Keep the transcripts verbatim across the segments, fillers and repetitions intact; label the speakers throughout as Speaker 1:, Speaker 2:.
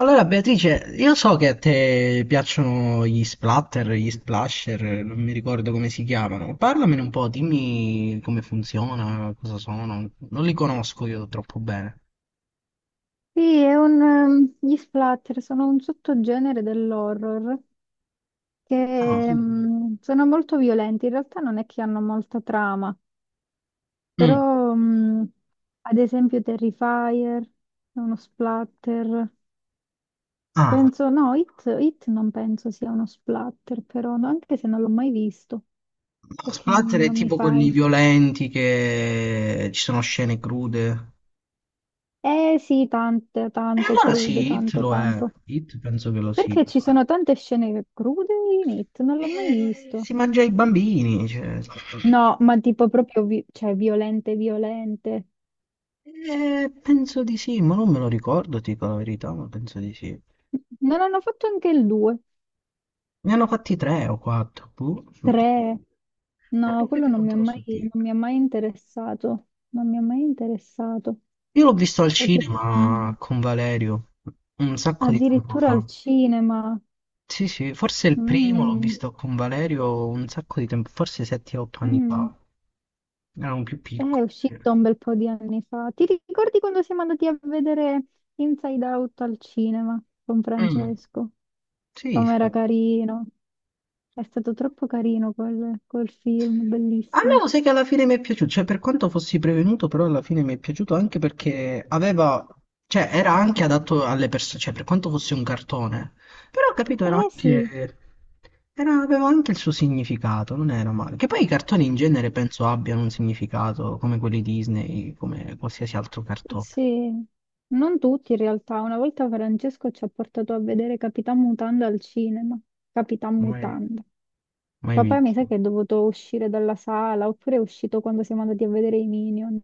Speaker 1: Allora Beatrice, io so che a te piacciono gli splatter, gli splasher, non mi ricordo come si chiamano. Parlamene un po', dimmi come funziona, cosa sono. Non li conosco io troppo bene.
Speaker 2: Sì, è un, ehm, gli splatter sono un sottogenere dell'horror
Speaker 1: Ah,
Speaker 2: che
Speaker 1: sì, sì.
Speaker 2: ehm, sono molto violenti. In realtà non è che hanno molta trama,
Speaker 1: Mm.
Speaker 2: però mh, ad esempio Terrifier è uno splatter.
Speaker 1: Ah,
Speaker 2: Penso, no, It, It non penso sia uno splatter, però no, anche se non l'ho mai visto,
Speaker 1: no,
Speaker 2: perché
Speaker 1: splatter
Speaker 2: non,
Speaker 1: è
Speaker 2: non mi
Speaker 1: tipo
Speaker 2: fai.
Speaker 1: quelli violenti che ci sono scene crude.
Speaker 2: Eh sì, tante,
Speaker 1: E
Speaker 2: tanto
Speaker 1: allora
Speaker 2: crude,
Speaker 1: sì, Hit
Speaker 2: tanto,
Speaker 1: lo è.
Speaker 2: tanto.
Speaker 1: Hit penso che lo sia.
Speaker 2: Perché ci sono tante scene crude in It, non l'ho mai
Speaker 1: Eh,
Speaker 2: visto.
Speaker 1: si mangia i bambini, cioè.
Speaker 2: No, ma tipo proprio, vi- cioè, violente, violente.
Speaker 1: Eh, penso di sì, ma non me lo ricordo, ti dico la verità, ma penso di sì.
Speaker 2: Non hanno fatto anche il due,
Speaker 1: Ne hanno fatti tre o quattro, boh, non ti so
Speaker 2: tre.
Speaker 1: dire.
Speaker 2: No,
Speaker 1: Ecco
Speaker 2: quello
Speaker 1: perché
Speaker 2: non
Speaker 1: non
Speaker 2: mi
Speaker 1: te
Speaker 2: ha
Speaker 1: lo
Speaker 2: mai,
Speaker 1: so dire.
Speaker 2: non mi ha mai interessato. Non mi ha mai interessato.
Speaker 1: Io l'ho visto al
Speaker 2: Proprio- Mm.
Speaker 1: cinema con Valerio un sacco di tempo
Speaker 2: Addirittura
Speaker 1: fa.
Speaker 2: al cinema.
Speaker 1: Sì, sì, forse il primo l'ho
Speaker 2: Mm.
Speaker 1: visto con Valerio un sacco di tempo, forse sette otto anni
Speaker 2: Mm.
Speaker 1: fa. Ero un più
Speaker 2: Eh, è
Speaker 1: piccolo, sì.
Speaker 2: uscito un bel po' di anni fa. Ti ricordi quando siamo andati a vedere Inside Out al cinema con
Speaker 1: Mm,
Speaker 2: Francesco?
Speaker 1: sì,
Speaker 2: Com'era
Speaker 1: sì.
Speaker 2: carino. È stato troppo carino quel, quel film,
Speaker 1: A me
Speaker 2: bellissimo.
Speaker 1: lo sai che alla fine mi è piaciuto, cioè per quanto fossi prevenuto, però alla fine mi è piaciuto anche perché aveva, cioè era anche adatto alle persone, cioè per quanto fosse un cartone, però ho capito, era
Speaker 2: Eh sì,
Speaker 1: anche, era- aveva anche il suo significato, non era male. Che poi i cartoni in genere penso abbiano un significato, come quelli Disney, come qualsiasi altro cartone,
Speaker 2: sì, non tutti in realtà. Una volta Francesco ci ha portato a vedere Capitan Mutanda al cinema. Capitan
Speaker 1: mai,
Speaker 2: Mutanda.
Speaker 1: mai
Speaker 2: Papà mi sa
Speaker 1: visto.
Speaker 2: che è dovuto uscire dalla sala, oppure è uscito quando siamo andati a vedere i Minion.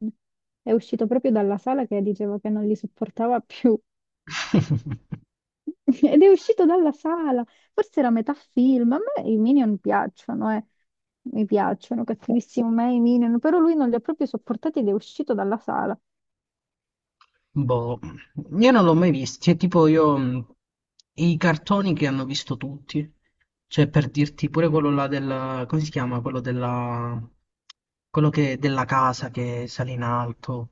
Speaker 2: È uscito proprio dalla sala che diceva che non li sopportava più. Ed è uscito dalla sala, forse era metà film. A me i Minion piacciono, eh. Mi piacciono, cattivissimo me i Minion, però lui non li ha proprio sopportati ed è uscito dalla sala.
Speaker 1: Boh, io non l'ho mai visto, cioè tipo io mh, i cartoni che hanno visto tutti, cioè per dirti pure quello là del, come si chiama? Quello della, quello che, della casa che sale in alto,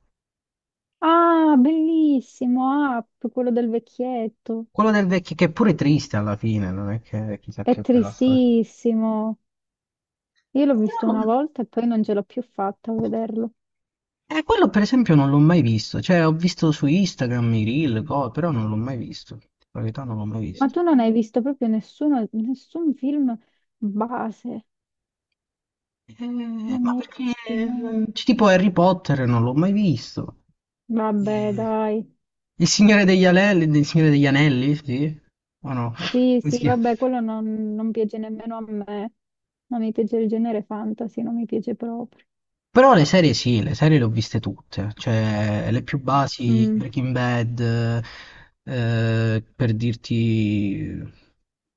Speaker 2: Ah, bellissimo, Up, quello del vecchietto.
Speaker 1: quello del vecchio che è pure triste alla fine, non è che chissà
Speaker 2: È
Speaker 1: che bella storia.
Speaker 2: tristissimo. Io l'ho visto
Speaker 1: Però-
Speaker 2: una volta e poi non ce l'ho più fatta a vederlo.
Speaker 1: Eh, quello per esempio non l'ho mai visto, cioè ho visto su Instagram i reel, co- però non l'ho mai visto, in verità non l'ho mai
Speaker 2: Ma
Speaker 1: visto.
Speaker 2: tu non hai visto proprio nessuno, nessun film base,
Speaker 1: Eh,
Speaker 2: non
Speaker 1: ma
Speaker 2: ne hai
Speaker 1: perché
Speaker 2: visti mai.
Speaker 1: eh, c- tipo Harry Potter non l'ho mai visto.
Speaker 2: Vabbè,
Speaker 1: Eh,
Speaker 2: dai.
Speaker 1: il Signore degli Anelli, il Signore degli Anelli, sì? O no?
Speaker 2: Sì,
Speaker 1: Come si
Speaker 2: sì,
Speaker 1: chiama?
Speaker 2: vabbè, quello non, non piace nemmeno a me. Non mi piace il genere fantasy, non mi piace proprio.
Speaker 1: Però le serie sì, le serie le ho viste tutte, cioè le più basi,
Speaker 2: Mm.
Speaker 1: Breaking Bad, eh, per dirti.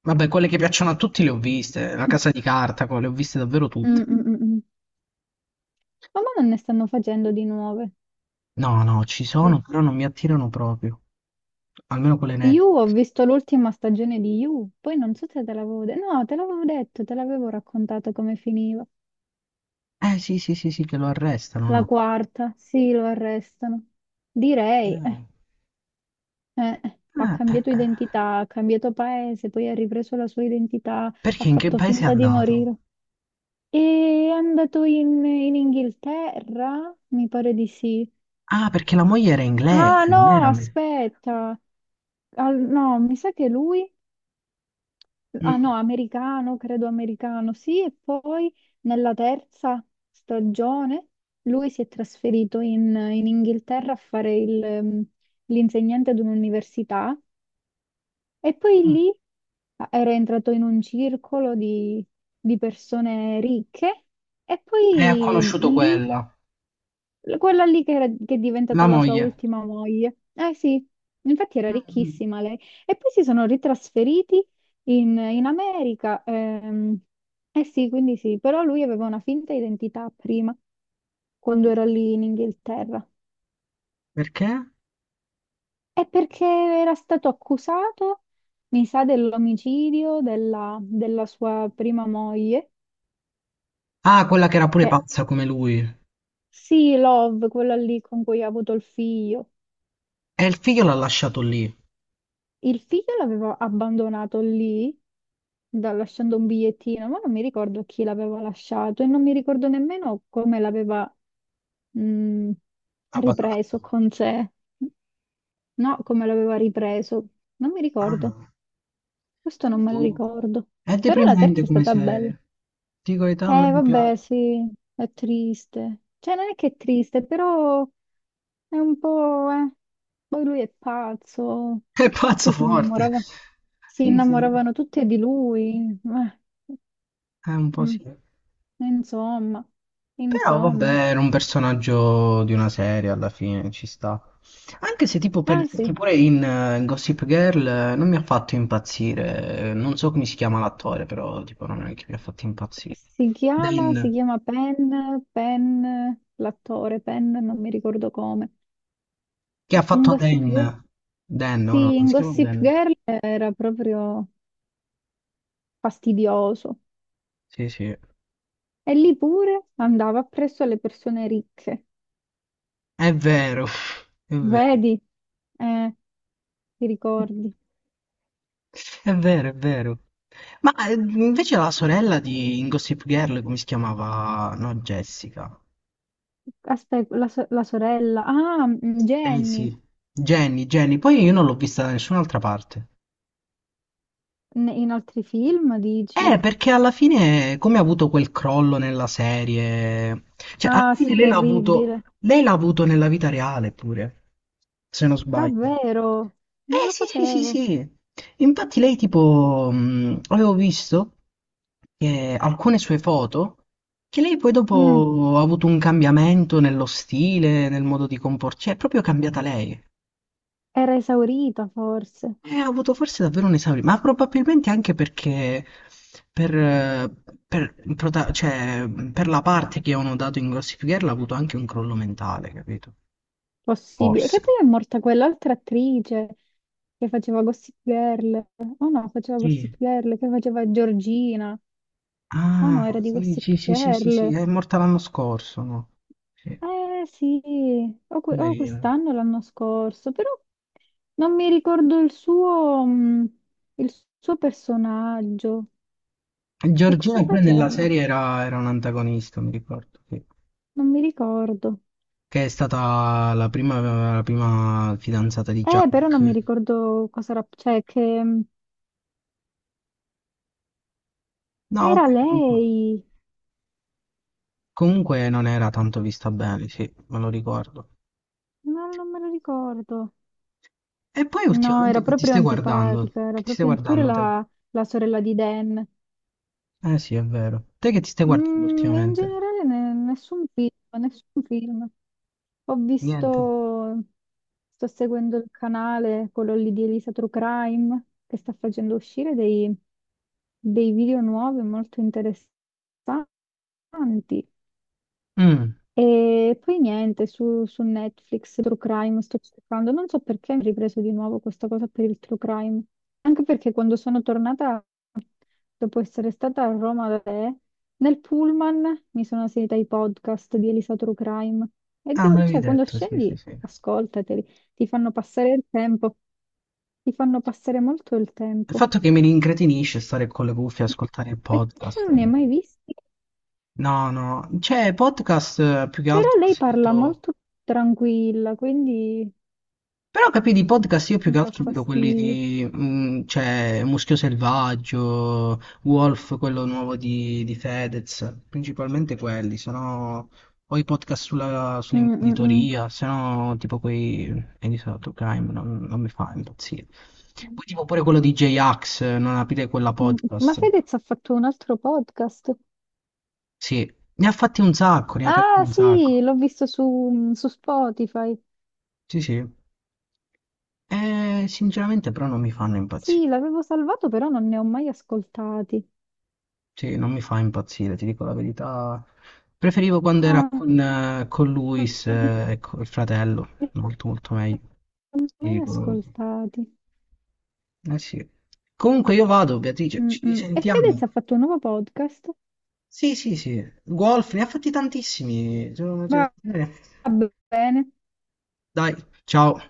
Speaker 1: Vabbè, quelle che piacciono a tutti le ho viste, La Casa di Carta, co- le ho viste davvero
Speaker 2: Mm,
Speaker 1: tutte.
Speaker 2: mm, mm, mm. Ma mo non ne stanno facendo di nuove.
Speaker 1: No, no, ci
Speaker 2: Sì.
Speaker 1: sono, però non mi attirano proprio, almeno quelle nette.
Speaker 2: Io ho visto l'ultima stagione di You, poi non so se te l'avevo detto. No, te l'avevo detto, te l'avevo raccontato come finiva.
Speaker 1: Eh sì, sì, sì, sì, che lo arrestano,
Speaker 2: La
Speaker 1: no?
Speaker 2: quarta, sì, lo arrestano. Direi,
Speaker 1: Ah,
Speaker 2: eh, eh, ha
Speaker 1: eh, eh,
Speaker 2: cambiato
Speaker 1: eh.
Speaker 2: identità, ha cambiato paese, poi ha ripreso la sua identità, ha
Speaker 1: Perché in che
Speaker 2: fatto
Speaker 1: paese è
Speaker 2: finta di
Speaker 1: andato?
Speaker 2: morire. E è andato in, in Inghilterra? Mi pare di sì.
Speaker 1: Ah, perché la moglie era
Speaker 2: Ah
Speaker 1: inglese, non
Speaker 2: no,
Speaker 1: era me.
Speaker 2: aspetta. Ah, no, mi sa che lui... Ah
Speaker 1: Mm,
Speaker 2: no, americano, credo americano, sì. E poi nella terza stagione lui si è trasferito in, in Inghilterra a fare il, ehm, l'insegnante ad un'università e poi
Speaker 1: mm.
Speaker 2: lì ah, era entrato in un circolo di, di persone ricche e
Speaker 1: E ha
Speaker 2: poi
Speaker 1: conosciuto
Speaker 2: lì...
Speaker 1: quella,
Speaker 2: Quella lì che, era- che è diventata
Speaker 1: la
Speaker 2: la sua
Speaker 1: moglie.
Speaker 2: ultima moglie. Eh sì, infatti era
Speaker 1: Mm, mm.
Speaker 2: ricchissima lei. E poi si sono ritrasferiti in, in America. Ehm, eh sì, quindi sì, però lui aveva una finta identità prima, quando era lì in Inghilterra.
Speaker 1: Perché?
Speaker 2: È perché era stato accusato, mi sa, dell'omicidio della, della sua prima moglie,
Speaker 1: Ah, quella che era pure
Speaker 2: che
Speaker 1: pazza come lui.
Speaker 2: sì, Love, quella lì con cui ha avuto il figlio.
Speaker 1: E il figlio l'ha lasciato lì,
Speaker 2: Il figlio l'avevo abbandonato lì, da- lasciando un bigliettino, ma non mi ricordo chi l'aveva lasciato e non mi ricordo nemmeno come l'aveva mh, ripreso
Speaker 1: abbandonato.
Speaker 2: con sé. No, come l'aveva ripreso, non mi
Speaker 1: Ah
Speaker 2: ricordo.
Speaker 1: no.
Speaker 2: Questo non me lo
Speaker 1: Boh.
Speaker 2: ricordo.
Speaker 1: È
Speaker 2: Però la terza
Speaker 1: deprimente
Speaker 2: è
Speaker 1: come
Speaker 2: stata bella.
Speaker 1: serie. Dico, età non
Speaker 2: Eh,
Speaker 1: mi
Speaker 2: vabbè,
Speaker 1: piace.
Speaker 2: sì, è triste. Cioè, non è che è triste, però è un po', eh. Poi lui è pazzo,
Speaker 1: È pazzo
Speaker 2: tutte si
Speaker 1: forte.
Speaker 2: innamoravano, si
Speaker 1: Sì, sì,
Speaker 2: innamoravano tutte di lui. Eh,
Speaker 1: è un po'
Speaker 2: mm,
Speaker 1: sì.
Speaker 2: Insomma,
Speaker 1: Però
Speaker 2: insomma.
Speaker 1: vabbè, era un personaggio di una serie alla fine, ci sta. Anche se tipo per
Speaker 2: Ah sì,
Speaker 1: che pure in eh, Gossip Girl eh, non mi ha fatto impazzire, eh, non so come si chiama l'attore, però tipo non è che mi ha fatto impazzire.
Speaker 2: si chiama, si
Speaker 1: Dan,
Speaker 2: chiama Penn, Penn, l'attore Penn, non mi ricordo come.
Speaker 1: che ha
Speaker 2: In
Speaker 1: fatto
Speaker 2: Gossip
Speaker 1: Dan?
Speaker 2: Girl?
Speaker 1: Dan, no, no,
Speaker 2: Sì,
Speaker 1: non
Speaker 2: in
Speaker 1: si chiama
Speaker 2: Gossip
Speaker 1: Dan.
Speaker 2: Girl era proprio fastidioso.
Speaker 1: Sì, sì.
Speaker 2: E lì pure andava appresso alle persone ricche.
Speaker 1: È vero, è vero.
Speaker 2: Vedi? Eh, ti ricordi?
Speaker 1: È vero, è vero. Ma eh, invece la sorella di in Gossip Girl, come si chiamava? No, Jessica.
Speaker 2: Aspetta, la, so- la sorella. Ah, mm,
Speaker 1: Eh
Speaker 2: Jenny.
Speaker 1: sì, Jenny, Jenny, poi io non l'ho vista da nessun'altra parte.
Speaker 2: N- In altri film, dici?
Speaker 1: Eh, perché alla fine, come ha avuto quel crollo nella serie, cioè alla
Speaker 2: Ah,
Speaker 1: fine
Speaker 2: sì,
Speaker 1: lei l'ha
Speaker 2: terribile.
Speaker 1: avuto, lei l'ha avuto nella vita reale pure, se non sbaglio.
Speaker 2: Davvero? Non
Speaker 1: Eh
Speaker 2: lo
Speaker 1: sì, sì, sì,
Speaker 2: sapevo.
Speaker 1: sì. Infatti lei tipo, mh, avevo visto che alcune sue foto, che lei poi
Speaker 2: Mm.
Speaker 1: dopo ha avuto un cambiamento nello stile, nel modo di comportarsi, cioè è proprio cambiata lei.
Speaker 2: Era esaurita, forse.
Speaker 1: Eh, ho avuto forse davvero un esame, ma probabilmente anche perché per, eh, per il prota- cioè, per la parte che avevano dato in Gossip Girl ha avuto anche un crollo mentale, capito?
Speaker 2: Possibile.
Speaker 1: Forse.
Speaker 2: Che poi è morta quell'altra attrice che faceva Gossip Girl. Oh no, faceva Gossip
Speaker 1: Sì.
Speaker 2: Girl, che faceva Georgina. Oh no,
Speaker 1: Ah,
Speaker 2: era di
Speaker 1: sì,
Speaker 2: Gossip
Speaker 1: sì, sì, sì, sì, sì,
Speaker 2: Girl.
Speaker 1: è morta l'anno scorso, no? Sì,
Speaker 2: Eh sì, o, que- o
Speaker 1: poverina.
Speaker 2: quest'anno o l'anno scorso, però non mi ricordo il suo, mh, il suo personaggio. Che cosa
Speaker 1: Giorgina pure nella
Speaker 2: faceva?
Speaker 1: serie era, era un antagonista, mi ricordo, sì.
Speaker 2: Non mi ricordo.
Speaker 1: Che è stata la prima, la prima fidanzata di
Speaker 2: Eh, però non mi
Speaker 1: Jack.
Speaker 2: ricordo cosa era, cioè che mh,
Speaker 1: No,
Speaker 2: ah, era
Speaker 1: vabbè, comunque.
Speaker 2: lei.
Speaker 1: Comunque non era tanto vista bene, sì, me lo ricordo.
Speaker 2: No, non me lo ricordo.
Speaker 1: E poi
Speaker 2: No, era
Speaker 1: ultimamente che ti
Speaker 2: proprio
Speaker 1: stai guardando?
Speaker 2: antipatica, era
Speaker 1: Che ti stai
Speaker 2: proprio ant- pure
Speaker 1: guardando te?
Speaker 2: la, la sorella di Dan.
Speaker 1: Eh sì, è vero. Te che ti stai guardando
Speaker 2: Mm, in
Speaker 1: ultimamente?
Speaker 2: generale ne- nessun film, nessun film. Ho
Speaker 1: Niente.
Speaker 2: visto, sto seguendo il canale, quello lì di Elisa True Crime, che sta facendo uscire dei, dei video nuovi molto interessanti.
Speaker 1: Mm.
Speaker 2: E poi niente, su, su Netflix, True Crime, sto cercando. Non so perché mi ho ripreso di nuovo questa cosa per il True Crime. Anche perché quando sono tornata dopo essere stata a Roma da te, nel pullman mi sono seguita i podcast di Elisa True Crime e
Speaker 1: Ah, me
Speaker 2: devo-
Speaker 1: l'avevi
Speaker 2: cioè, quando
Speaker 1: detto, sì, sì,
Speaker 2: scendi,
Speaker 1: sì. Il
Speaker 2: ascoltateli, ti fanno passare il tempo, ti fanno passare molto il tempo.
Speaker 1: fatto che mi rincretinisce stare con le cuffie e ascoltare il
Speaker 2: E tu
Speaker 1: podcast.
Speaker 2: non ne hai
Speaker 1: eh.
Speaker 2: mai visti,
Speaker 1: No, no, cioè podcast eh, più che
Speaker 2: però
Speaker 1: altro ho
Speaker 2: lei parla
Speaker 1: sentito.
Speaker 2: molto tranquilla, quindi
Speaker 1: Però capì di podcast io più
Speaker 2: mi
Speaker 1: che
Speaker 2: dà
Speaker 1: altro vedo quelli
Speaker 2: fastidio.
Speaker 1: di, mm, cioè, Muschio Selvaggio, Wolf, quello nuovo di, di, Fedez, principalmente quelli, sono o i podcast sulla,
Speaker 2: Mm, mm, mm.
Speaker 1: sull'imprenditoria, se no tipo quei Edison to Crime non, non mi fa impazzire. Poi tipo pure quello di J-Ax, non aprire quella
Speaker 2: Mm. Ma
Speaker 1: podcast.
Speaker 2: Fedez ha fatto un altro podcast.
Speaker 1: Sì, ne ha fatti un sacco, ne ha aperti
Speaker 2: Ah
Speaker 1: un
Speaker 2: sì,
Speaker 1: sacco.
Speaker 2: l'ho visto su, mm, su Spotify.
Speaker 1: Sì, sì. Eh, sinceramente però non mi fanno impazzire.
Speaker 2: Sì, l'avevo salvato, però non ne ho mai ascoltati.
Speaker 1: Sì, non mi fa impazzire, ti dico la verità. Preferivo quando era
Speaker 2: No,
Speaker 1: con, eh, con Luis,
Speaker 2: non
Speaker 1: eh, ecco, il fratello,
Speaker 2: ne
Speaker 1: molto molto meglio.
Speaker 2: ho
Speaker 1: Ti
Speaker 2: mai
Speaker 1: dico-
Speaker 2: ascoltati.
Speaker 1: Eh sì. Comunque io vado, Beatrice,
Speaker 2: Mm,
Speaker 1: ci
Speaker 2: mm. E Fedez
Speaker 1: risentiamo.
Speaker 2: ha fatto un nuovo podcast.
Speaker 1: Sì, sì, sì. Golf, ne ha fatti tantissimi. sono-
Speaker 2: Va bene.
Speaker 1: Dai, ciao.